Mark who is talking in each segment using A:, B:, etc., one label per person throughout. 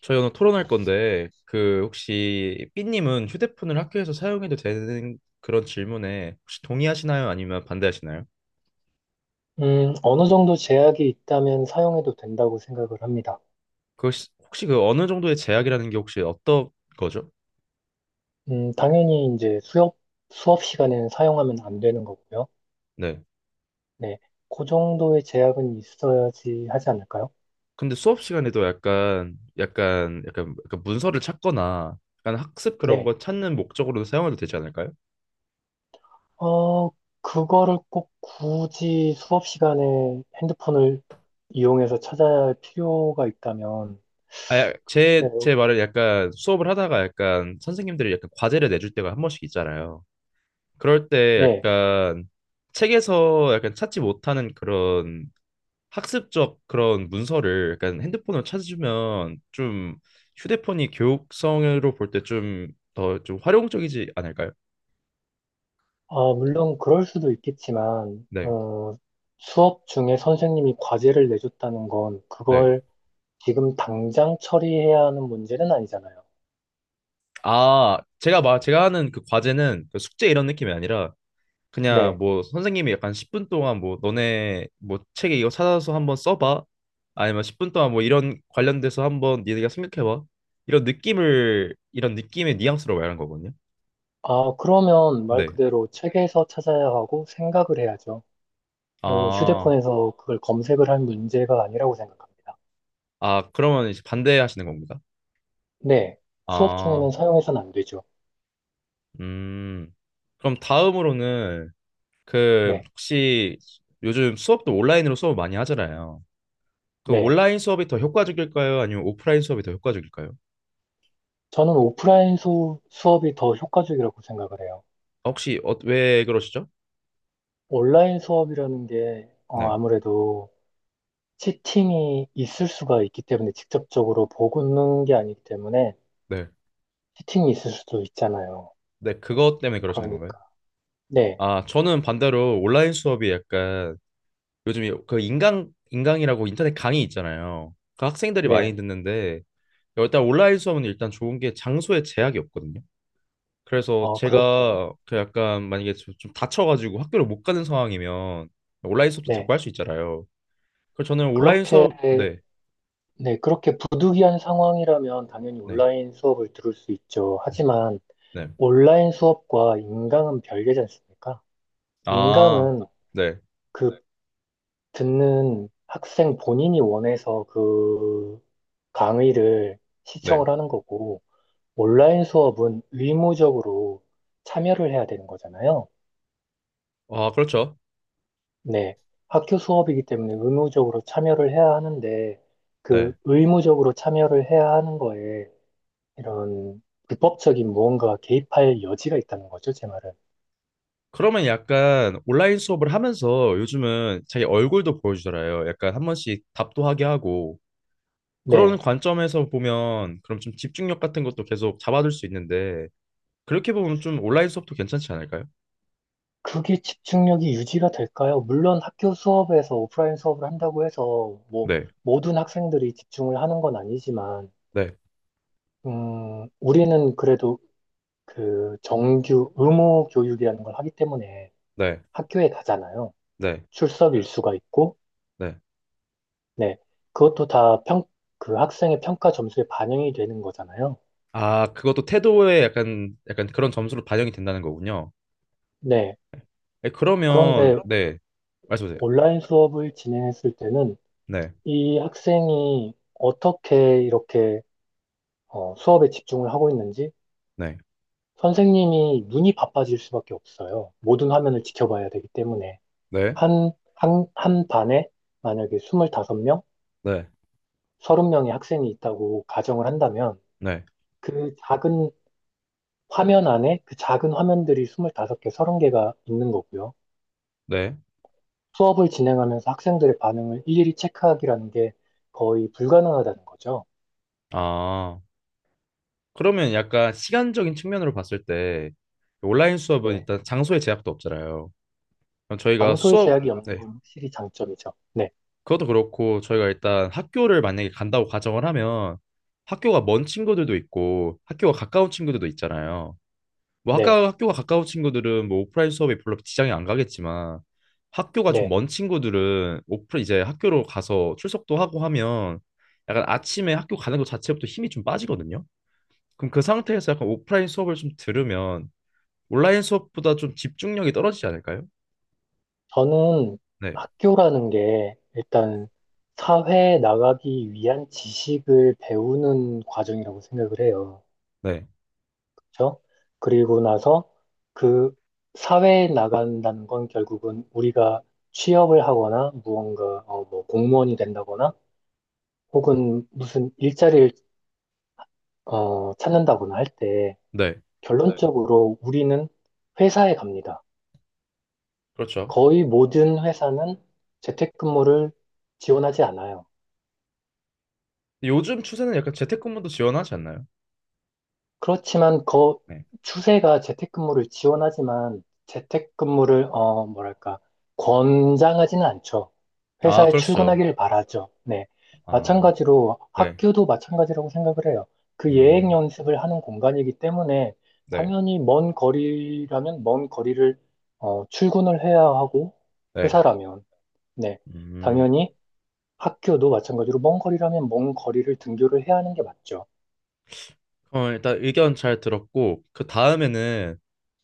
A: 저희 오늘 토론할 건데 그 혹시 삐님은 휴대폰을 학교에서 사용해도 되는 그런 질문에 혹시 동의하시나요? 아니면 반대하시나요?
B: 어느 정도 제약이 있다면 사용해도 된다고 생각을 합니다.
A: 그 혹시 그 어느 정도의 제약이라는 게 혹시 어떤 거죠?
B: 당연히 이제 수업 시간에는 사용하면 안 되는 거고요.
A: 네.
B: 네. 그 정도의 제약은 있어야지 하지 않을까요?
A: 근데 수업 시간에도 약간 문서를 찾거나 약간 학습 그런
B: 네.
A: 거 찾는 목적으로 사용해도 되지 않을까요?
B: 어, 그거를 꼭 굳이 수업 시간에 핸드폰을 이용해서 찾아야 할 필요가 있다면,
A: 아, 제,
B: 글쎄요.
A: 제 말을 약간 수업을 하다가 약간 선생님들이 약간 과제를 내줄 때가 한 번씩 있잖아요. 그럴 때
B: 네.
A: 약간 책에서 약간 찾지 못하는 그런 학습적 그런 문서를 약간 핸드폰으로 찾으면 좀 휴대폰이 교육성으로 볼 때 좀 더 좀 활용적이지 않을까요?
B: 아, 물론 그럴 수도 있겠지만,
A: 네,
B: 수업 중에 선생님이 과제를 내줬다는 건
A: 네.
B: 그걸 지금 당장 처리해야 하는 문제는 아니잖아요.
A: 아, 제가 막 제가 하는 그 과제는 그 숙제 이런 느낌이 아니라 그냥
B: 네.
A: 뭐 선생님이 약간 10분 동안 뭐 너네 뭐 책에 이거 찾아서 한번 써봐. 아니면 10분 동안 뭐 이런 관련돼서 한번 니네가 생각해봐. 이런 느낌을 이런 느낌의 뉘앙스로 말하는 거거든요.
B: 아, 그러면 말
A: 네.
B: 그대로 책에서 찾아야 하고 생각을 해야죠.
A: 아,
B: 휴대폰에서 그걸 검색을 할 문제가 아니라고 생각합니다.
A: 그러면 이제 반대하시는 겁니다.
B: 네. 수업 중에는
A: 아,
B: 사용해서는 안 되죠.
A: 음 그럼 다음으로는 그
B: 네.
A: 혹시 요즘 수업도 온라인으로 수업 많이 하잖아요. 그
B: 네.
A: 온라인 수업이 더 효과적일까요? 아니면 오프라인 수업이 더 효과적일까요?
B: 저는 오프라인 수업이 더 효과적이라고 생각을 해요.
A: 혹시 왜 그러시죠?
B: 온라인 수업이라는 게
A: 네
B: 아무래도 치팅이 있을 수가 있기 때문에 직접적으로 보는 게 아니기 때문에
A: 네.
B: 치팅이 있을 수도 있잖아요.
A: 네, 그것 때문에 그러시는 건가요?
B: 그러니까. 네.
A: 아, 저는 반대로 온라인 수업이 약간 요즘에 그 인강, 인강이라고 인터넷 강의 있잖아요. 그 학생들이 많이
B: 네,
A: 듣는데 일단 온라인 수업은 일단 좋은 게 장소에 제약이 없거든요. 그래서
B: 그렇죠.
A: 제가 그 약간 만약에 좀 다쳐가지고 학교를 못 가는 상황이면 온라인 수업도
B: 네,
A: 듣고 할 수 있잖아요. 그래서 저는 온라인
B: 그렇게,
A: 수업, 네,
B: 네, 그렇게 부득이한 상황이라면 당연히
A: 네,
B: 온라인 수업을 들을 수 있죠.
A: 네,
B: 하지만
A: 네.
B: 온라인 수업과 인강은 별개지 않습니까?
A: 아,
B: 인강은
A: 네,
B: 그 듣는 학생 본인이 원해서 그 강의를
A: 네.
B: 시청을 하는 거고, 온라인 수업은 의무적으로 참여를 해야 되는 거잖아요.
A: 아, 그렇죠.
B: 네, 학교 수업이기 때문에 의무적으로 참여를 해야 하는데, 그
A: 네.
B: 의무적으로 참여를 해야 하는 거에 이런 불법적인 무언가가 개입할 여지가 있다는 거죠, 제 말은.
A: 그러면 약간 온라인 수업을 하면서 요즘은 자기 얼굴도 보여주잖아요. 약간 한 번씩 답도 하게 하고 그런
B: 네,
A: 관점에서 보면 그럼 좀 집중력 같은 것도 계속 잡아둘 수 있는데, 그렇게 보면 좀 온라인 수업도 괜찮지 않을까요?
B: 그게 집중력이 유지가 될까요? 물론 학교 수업에서 오프라인 수업을 한다고 해서 뭐
A: 네,
B: 모든 학생들이 집중을 하는 건 아니지만,
A: 네,
B: 우리는 그래도 그 정규 의무 교육이라는 걸 하기 때문에
A: 네,
B: 학교에 가잖아요.
A: 네,
B: 출석 일수가 있고,
A: 네.
B: 네. 그것도 다 그 학생의 평가 점수에 반영이 되는 거잖아요.
A: 아, 그것도 태도에 약간 약간 그런 점수로 반영이 된다는 거군요.
B: 네.
A: 네, 그러면
B: 그런데
A: 네, 말씀하세요.
B: 온라인 수업을 진행했을 때는
A: 네,
B: 이 학생이 어떻게 이렇게 수업에 집중을 하고 있는지
A: 네,
B: 선생님이 눈이 바빠질 수밖에 없어요. 모든 화면을 지켜봐야 되기 때문에.
A: 네,
B: 한 반에 만약에 25명,
A: 네,
B: 30명의 학생이 있다고 가정을 한다면
A: 네,
B: 그 작은 화면 안에 그 작은 화면들이 25개, 30개가 있는 거고요.
A: 네.
B: 수업을 진행하면서 학생들의 반응을 일일이 체크하기라는 게 거의 불가능하다는 거죠.
A: 아. 그러면 약간 시간적인 측면으로 봤을 때 온라인 수업은
B: 네.
A: 일단 장소의 제약도 없잖아요. 그럼 저희가
B: 장소의
A: 수업,
B: 제약이 없는
A: 네,
B: 건 확실히 장점이죠. 네.
A: 그것도 그렇고 저희가 일단 학교를 만약에 간다고 가정을 하면 학교가 먼 친구들도 있고 학교가 가까운 친구들도 있잖아요. 뭐
B: 네.
A: 학교가 가까운 친구들은 뭐 오프라인 수업에 별로 지장이 안 가겠지만 학교가 좀
B: 네.
A: 먼 친구들은 오프 이제 학교로 가서 출석도 하고 하면 약간 아침에 학교 가는 것 자체부터 힘이 좀 빠지거든요. 그럼 그 상태에서 약간 오프라인 수업을 좀 들으면 온라인 수업보다 좀 집중력이 떨어지지 않을까요?
B: 저는
A: 네,
B: 학교라는 게 일단 사회에 나가기 위한 지식을 배우는 과정이라고 생각을 해요.
A: 네,
B: 그렇죠? 그리고 나서 그 사회에 나간다는 건 결국은 우리가 취업을 하거나 무언가 뭐 공무원이 된다거나 혹은 무슨 일자리를 찾는다거나 할 때, 네.
A: 네,
B: 결론적으로 우리는 회사에 갑니다.
A: 그렇죠.
B: 거의 모든 회사는 재택근무를 지원하지 않아요.
A: 요즘 추세는 약간 재택근무도 지원하지 않나요?
B: 그렇지만 그
A: 네.
B: 추세가 재택근무를 지원하지만 재택근무를 뭐랄까 권장하지는 않죠.
A: 아,
B: 회사에
A: 그렇죠.
B: 출근하기를 바라죠. 네.
A: 아,
B: 마찬가지로
A: 네.
B: 학교도 마찬가지라고 생각을 해요. 그 예행
A: 음,
B: 연습을 하는 공간이기 때문에
A: 네,
B: 당연히 먼 거리라면 먼 거리를 출근을 해야 하고
A: 네.
B: 회사라면 네.
A: 음.
B: 당연히 학교도 마찬가지로 먼 거리라면 먼 거리를 등교를 해야 하는 게 맞죠.
A: 그럼 일단 의견 잘 들었고, 그 다음에는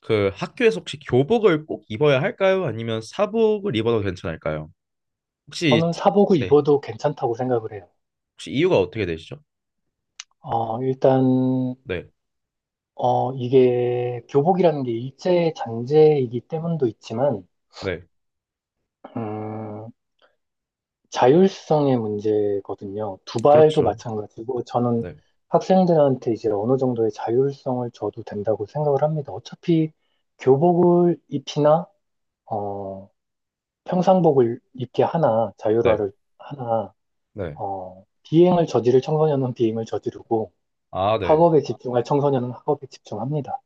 A: 그 학교에서 혹시 교복을 꼭 입어야 할까요? 아니면 사복을 입어도 괜찮을까요? 혹시,
B: 저는 사복을
A: 네.
B: 입어도 괜찮다고 생각을 해요.
A: 혹시 이유가 어떻게 되시죠?
B: 일단,
A: 네,
B: 이게 교복이라는 게 일제 잔재이기 때문도 있지만,
A: 네.
B: 음, 자율성의 문제거든요. 두발도
A: 그렇죠.
B: 마찬가지고, 저는
A: 네,
B: 학생들한테 이제 어느 정도의 자율성을 줘도 된다고 생각을 합니다. 어차피 교복을 입히나, 어, 평상복을 입게 하나,
A: 네,
B: 자율화를 하나,
A: 네.
B: 비행을 저지를 청소년은 비행을 저지르고,
A: 아, 네.
B: 학업에 집중할 청소년은 학업에 집중합니다.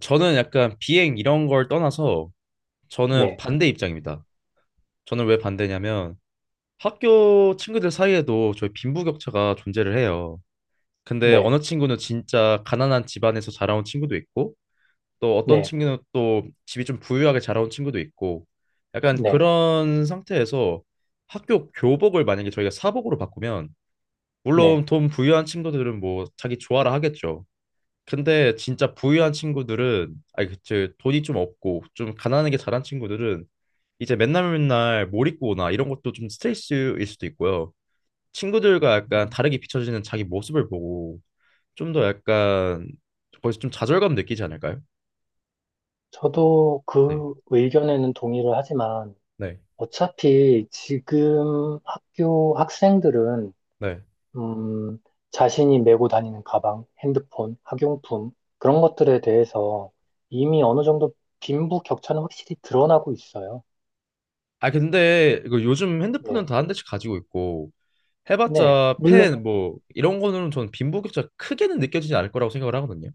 A: 저는 약간 비행 이런 걸 떠나서 저는
B: 네,
A: 반대 입장입니다. 저는 왜 반대냐면 학교 친구들 사이에도 저희 빈부격차가 존재를 해요. 근데
B: 네.
A: 어느 친구는 진짜 가난한 집안에서 자라온 친구도 있고 또 어떤
B: 네.
A: 친구는 또 집이 좀 부유하게 자라온 친구도 있고 약간
B: 네,
A: 그런 상태에서 학교 교복을 만약에 저희가 사복으로 바꾸면 물론
B: 네.
A: 돈 부유한 친구들은 뭐 자기 좋아라 하겠죠. 근데 진짜 부유한 친구들은 아니 그치 돈이 좀 없고 좀 가난하게 자란 친구들은 이제 맨날 맨날 몰입고나 이런 것도 좀 스트레스일 수도 있고요. 친구들과 약간
B: 음,
A: 다르게 비춰지는 자기 모습을 보고 좀 더 약간 거기서 좀 좌절감 느끼지 않을까요?
B: 저도
A: 네.
B: 그 의견에는 동의를 하지만
A: 네.
B: 어차피 지금 학교 학생들은
A: 네.
B: 음, 자신이 메고 다니는 가방, 핸드폰, 학용품 그런 것들에 대해서 이미 어느 정도 빈부격차는 확실히 드러나고 있어요.
A: 아 근데 이거 요즘 핸드폰은
B: 네,
A: 다 한 대씩 가지고 있고
B: 네.
A: 해봤자
B: 물론
A: 펜 뭐 이런 거는 저는 빈부격차 크게는 느껴지지 않을 거라고 생각을 하거든요.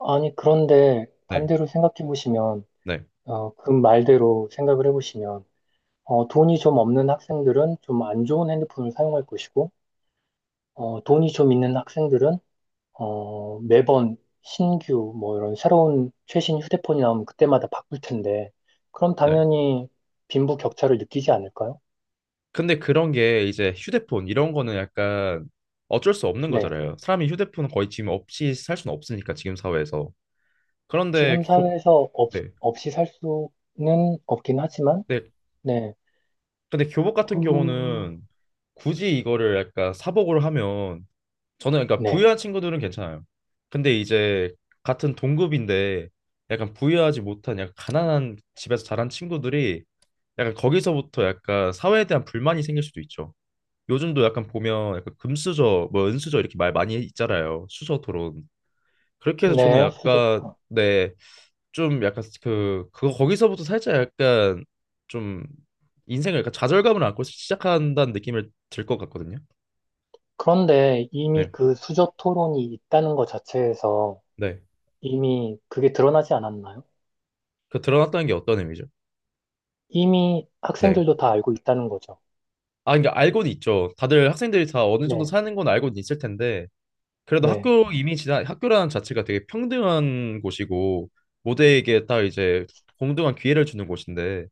B: 아니 그런데
A: 네.
B: 반대로 생각해 보시면
A: 네.
B: 그 말대로 생각을 해보시면 돈이 좀 없는 학생들은 좀 안 좋은 핸드폰을 사용할 것이고 돈이 좀 있는 학생들은 매번 신규 뭐 이런 새로운 최신 휴대폰이 나오면 그때마다 바꿀 텐데 그럼
A: 네.
B: 당연히 빈부 격차를 느끼지 않을까요?
A: 근데 그런 게 이제 휴대폰 이런 거는 약간 어쩔 수 없는
B: 네.
A: 거잖아요. 사람이 휴대폰 거의 지금 없이 살 수는 없으니까 지금 사회에서. 그런데
B: 지금
A: 교
B: 사회에서
A: 네.
B: 없이 살 수는 없긴 하지만
A: 네.
B: 네.
A: 근데 교복
B: 그
A: 같은 경우는 굳이 이거를 약간 사복으로 하면 저는 그러니까
B: 네.
A: 부유한 친구들은 괜찮아요. 근데 이제 같은 동급인데 약간 부유하지 못한 약간 가난한 집에서 자란 친구들이 약간 거기서부터 약간 사회에 대한 불만이 생길 수도 있죠. 요즘도 약간 보면 약간 금수저, 뭐 은수저 이렇게 말 많이 있잖아요. 수저 토론. 그렇게 해서 저는
B: 네, 수저
A: 약간
B: 토론.
A: 네, 좀 약간 그거 거기서부터 살짝 약간 좀 인생을 약간 좌절감을 안고 시작한다는 느낌을 들 것 같거든요.
B: 그런데 이미
A: 네,
B: 그 수저 토론이 있다는 것 자체에서
A: 네.
B: 이미 그게 드러나지 않았나요?
A: 그 드러났다는 게 어떤 의미죠?
B: 이미
A: 네.
B: 학생들도 다 알고 있다는 거죠.
A: 아, 그러니까 알고는 있죠. 다들 학생들이 다 어느 정도
B: 네.
A: 사는 건 알고는 있을 텐데 그래도
B: 네.
A: 학교 이미 지난 학교라는 자체가 되게 평등한 곳이고 모두에게 다 이제 공정한 기회를 주는 곳인데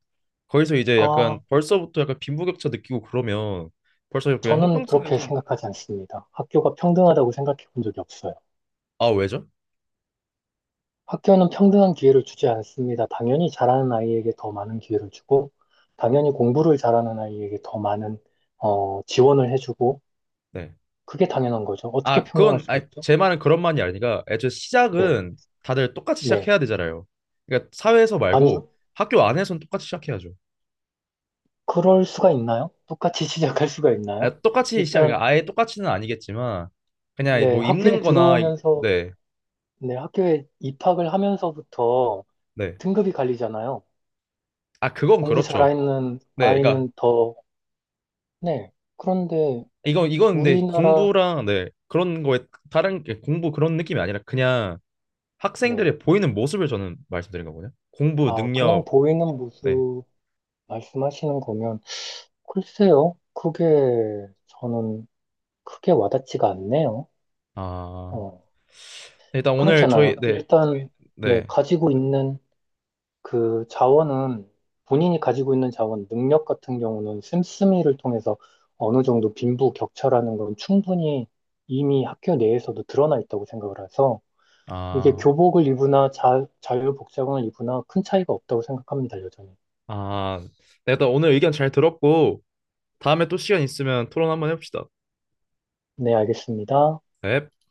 A: 거기서 이제 약간
B: 아,
A: 벌써부터 약간 빈부격차 느끼고 그러면 벌써 그냥
B: 저는
A: 형평성에
B: 그렇게
A: 좀.
B: 생각하지 않습니다. 학교가 평등하다고 생각해 본 적이 없어요.
A: 아 왜죠?
B: 학교는 평등한 기회를 주지 않습니다. 당연히 잘하는 아이에게 더 많은 기회를 주고, 당연히 공부를 잘하는 아이에게 더 많은, 지원을 해주고,
A: 네.
B: 그게 당연한 거죠. 어떻게
A: 아
B: 평등할
A: 그건
B: 수가
A: 아니
B: 있죠?
A: 제 말은 그런 말이 아니라 애초에
B: 네,
A: 시작은 다들 똑같이
B: 네.
A: 시작해야 되잖아요. 그러니까 사회에서
B: 아니,
A: 말고 학교 안에서는 똑같이 시작해야죠.
B: 그럴 수가 있나요? 똑같이 시작할 수가 있나요?
A: 아, 똑같이 시작
B: 일단,
A: 그러니까 아예 똑같이는 아니겠지만 그냥
B: 네,
A: 뭐 입는
B: 학교에
A: 거나
B: 들어오면서,
A: 네.
B: 네, 학교에 입학을 하면서부터
A: 네.
B: 등급이 갈리잖아요.
A: 아 그건
B: 공부
A: 그렇죠.
B: 잘하는
A: 네. 그러니까
B: 아이는 더 네. 그런데
A: 이건 근데
B: 우리나라,
A: 공부랑 네. 그런 거에 다른 게 공부 그런 느낌이 아니라 그냥
B: 네.
A: 학생들의 보이는 모습을 저는 말씀드린 거거든요. 공부
B: 아, 그냥
A: 능력,
B: 보이는
A: 네.
B: 모습 말씀하시는 거면, 글쎄요. 그게 저는 크게 와닿지가 않네요.
A: 아,
B: 어,
A: 네, 일단 오늘
B: 그렇잖아요.
A: 저희 네,
B: 일단, 네.
A: 네,
B: 가지고 있는 그 자원은, 본인이 가지고 있는 자원, 능력 같은 경우는 씀씀이를 통해서 어느 정도 빈부 격차라는 건 충분히 이미 학교 내에서도 드러나 있다고 생각을 해서, 이게
A: 아,
B: 교복을 입으나 자유복장을 입으나 큰 차이가 없다고 생각합니다, 여전히.
A: 아, 네, 일단 오늘 의견 잘 들었고 다음에 또 시간 있으면 토론 한번 해봅시다.
B: 네, 알겠습니다.
A: 네.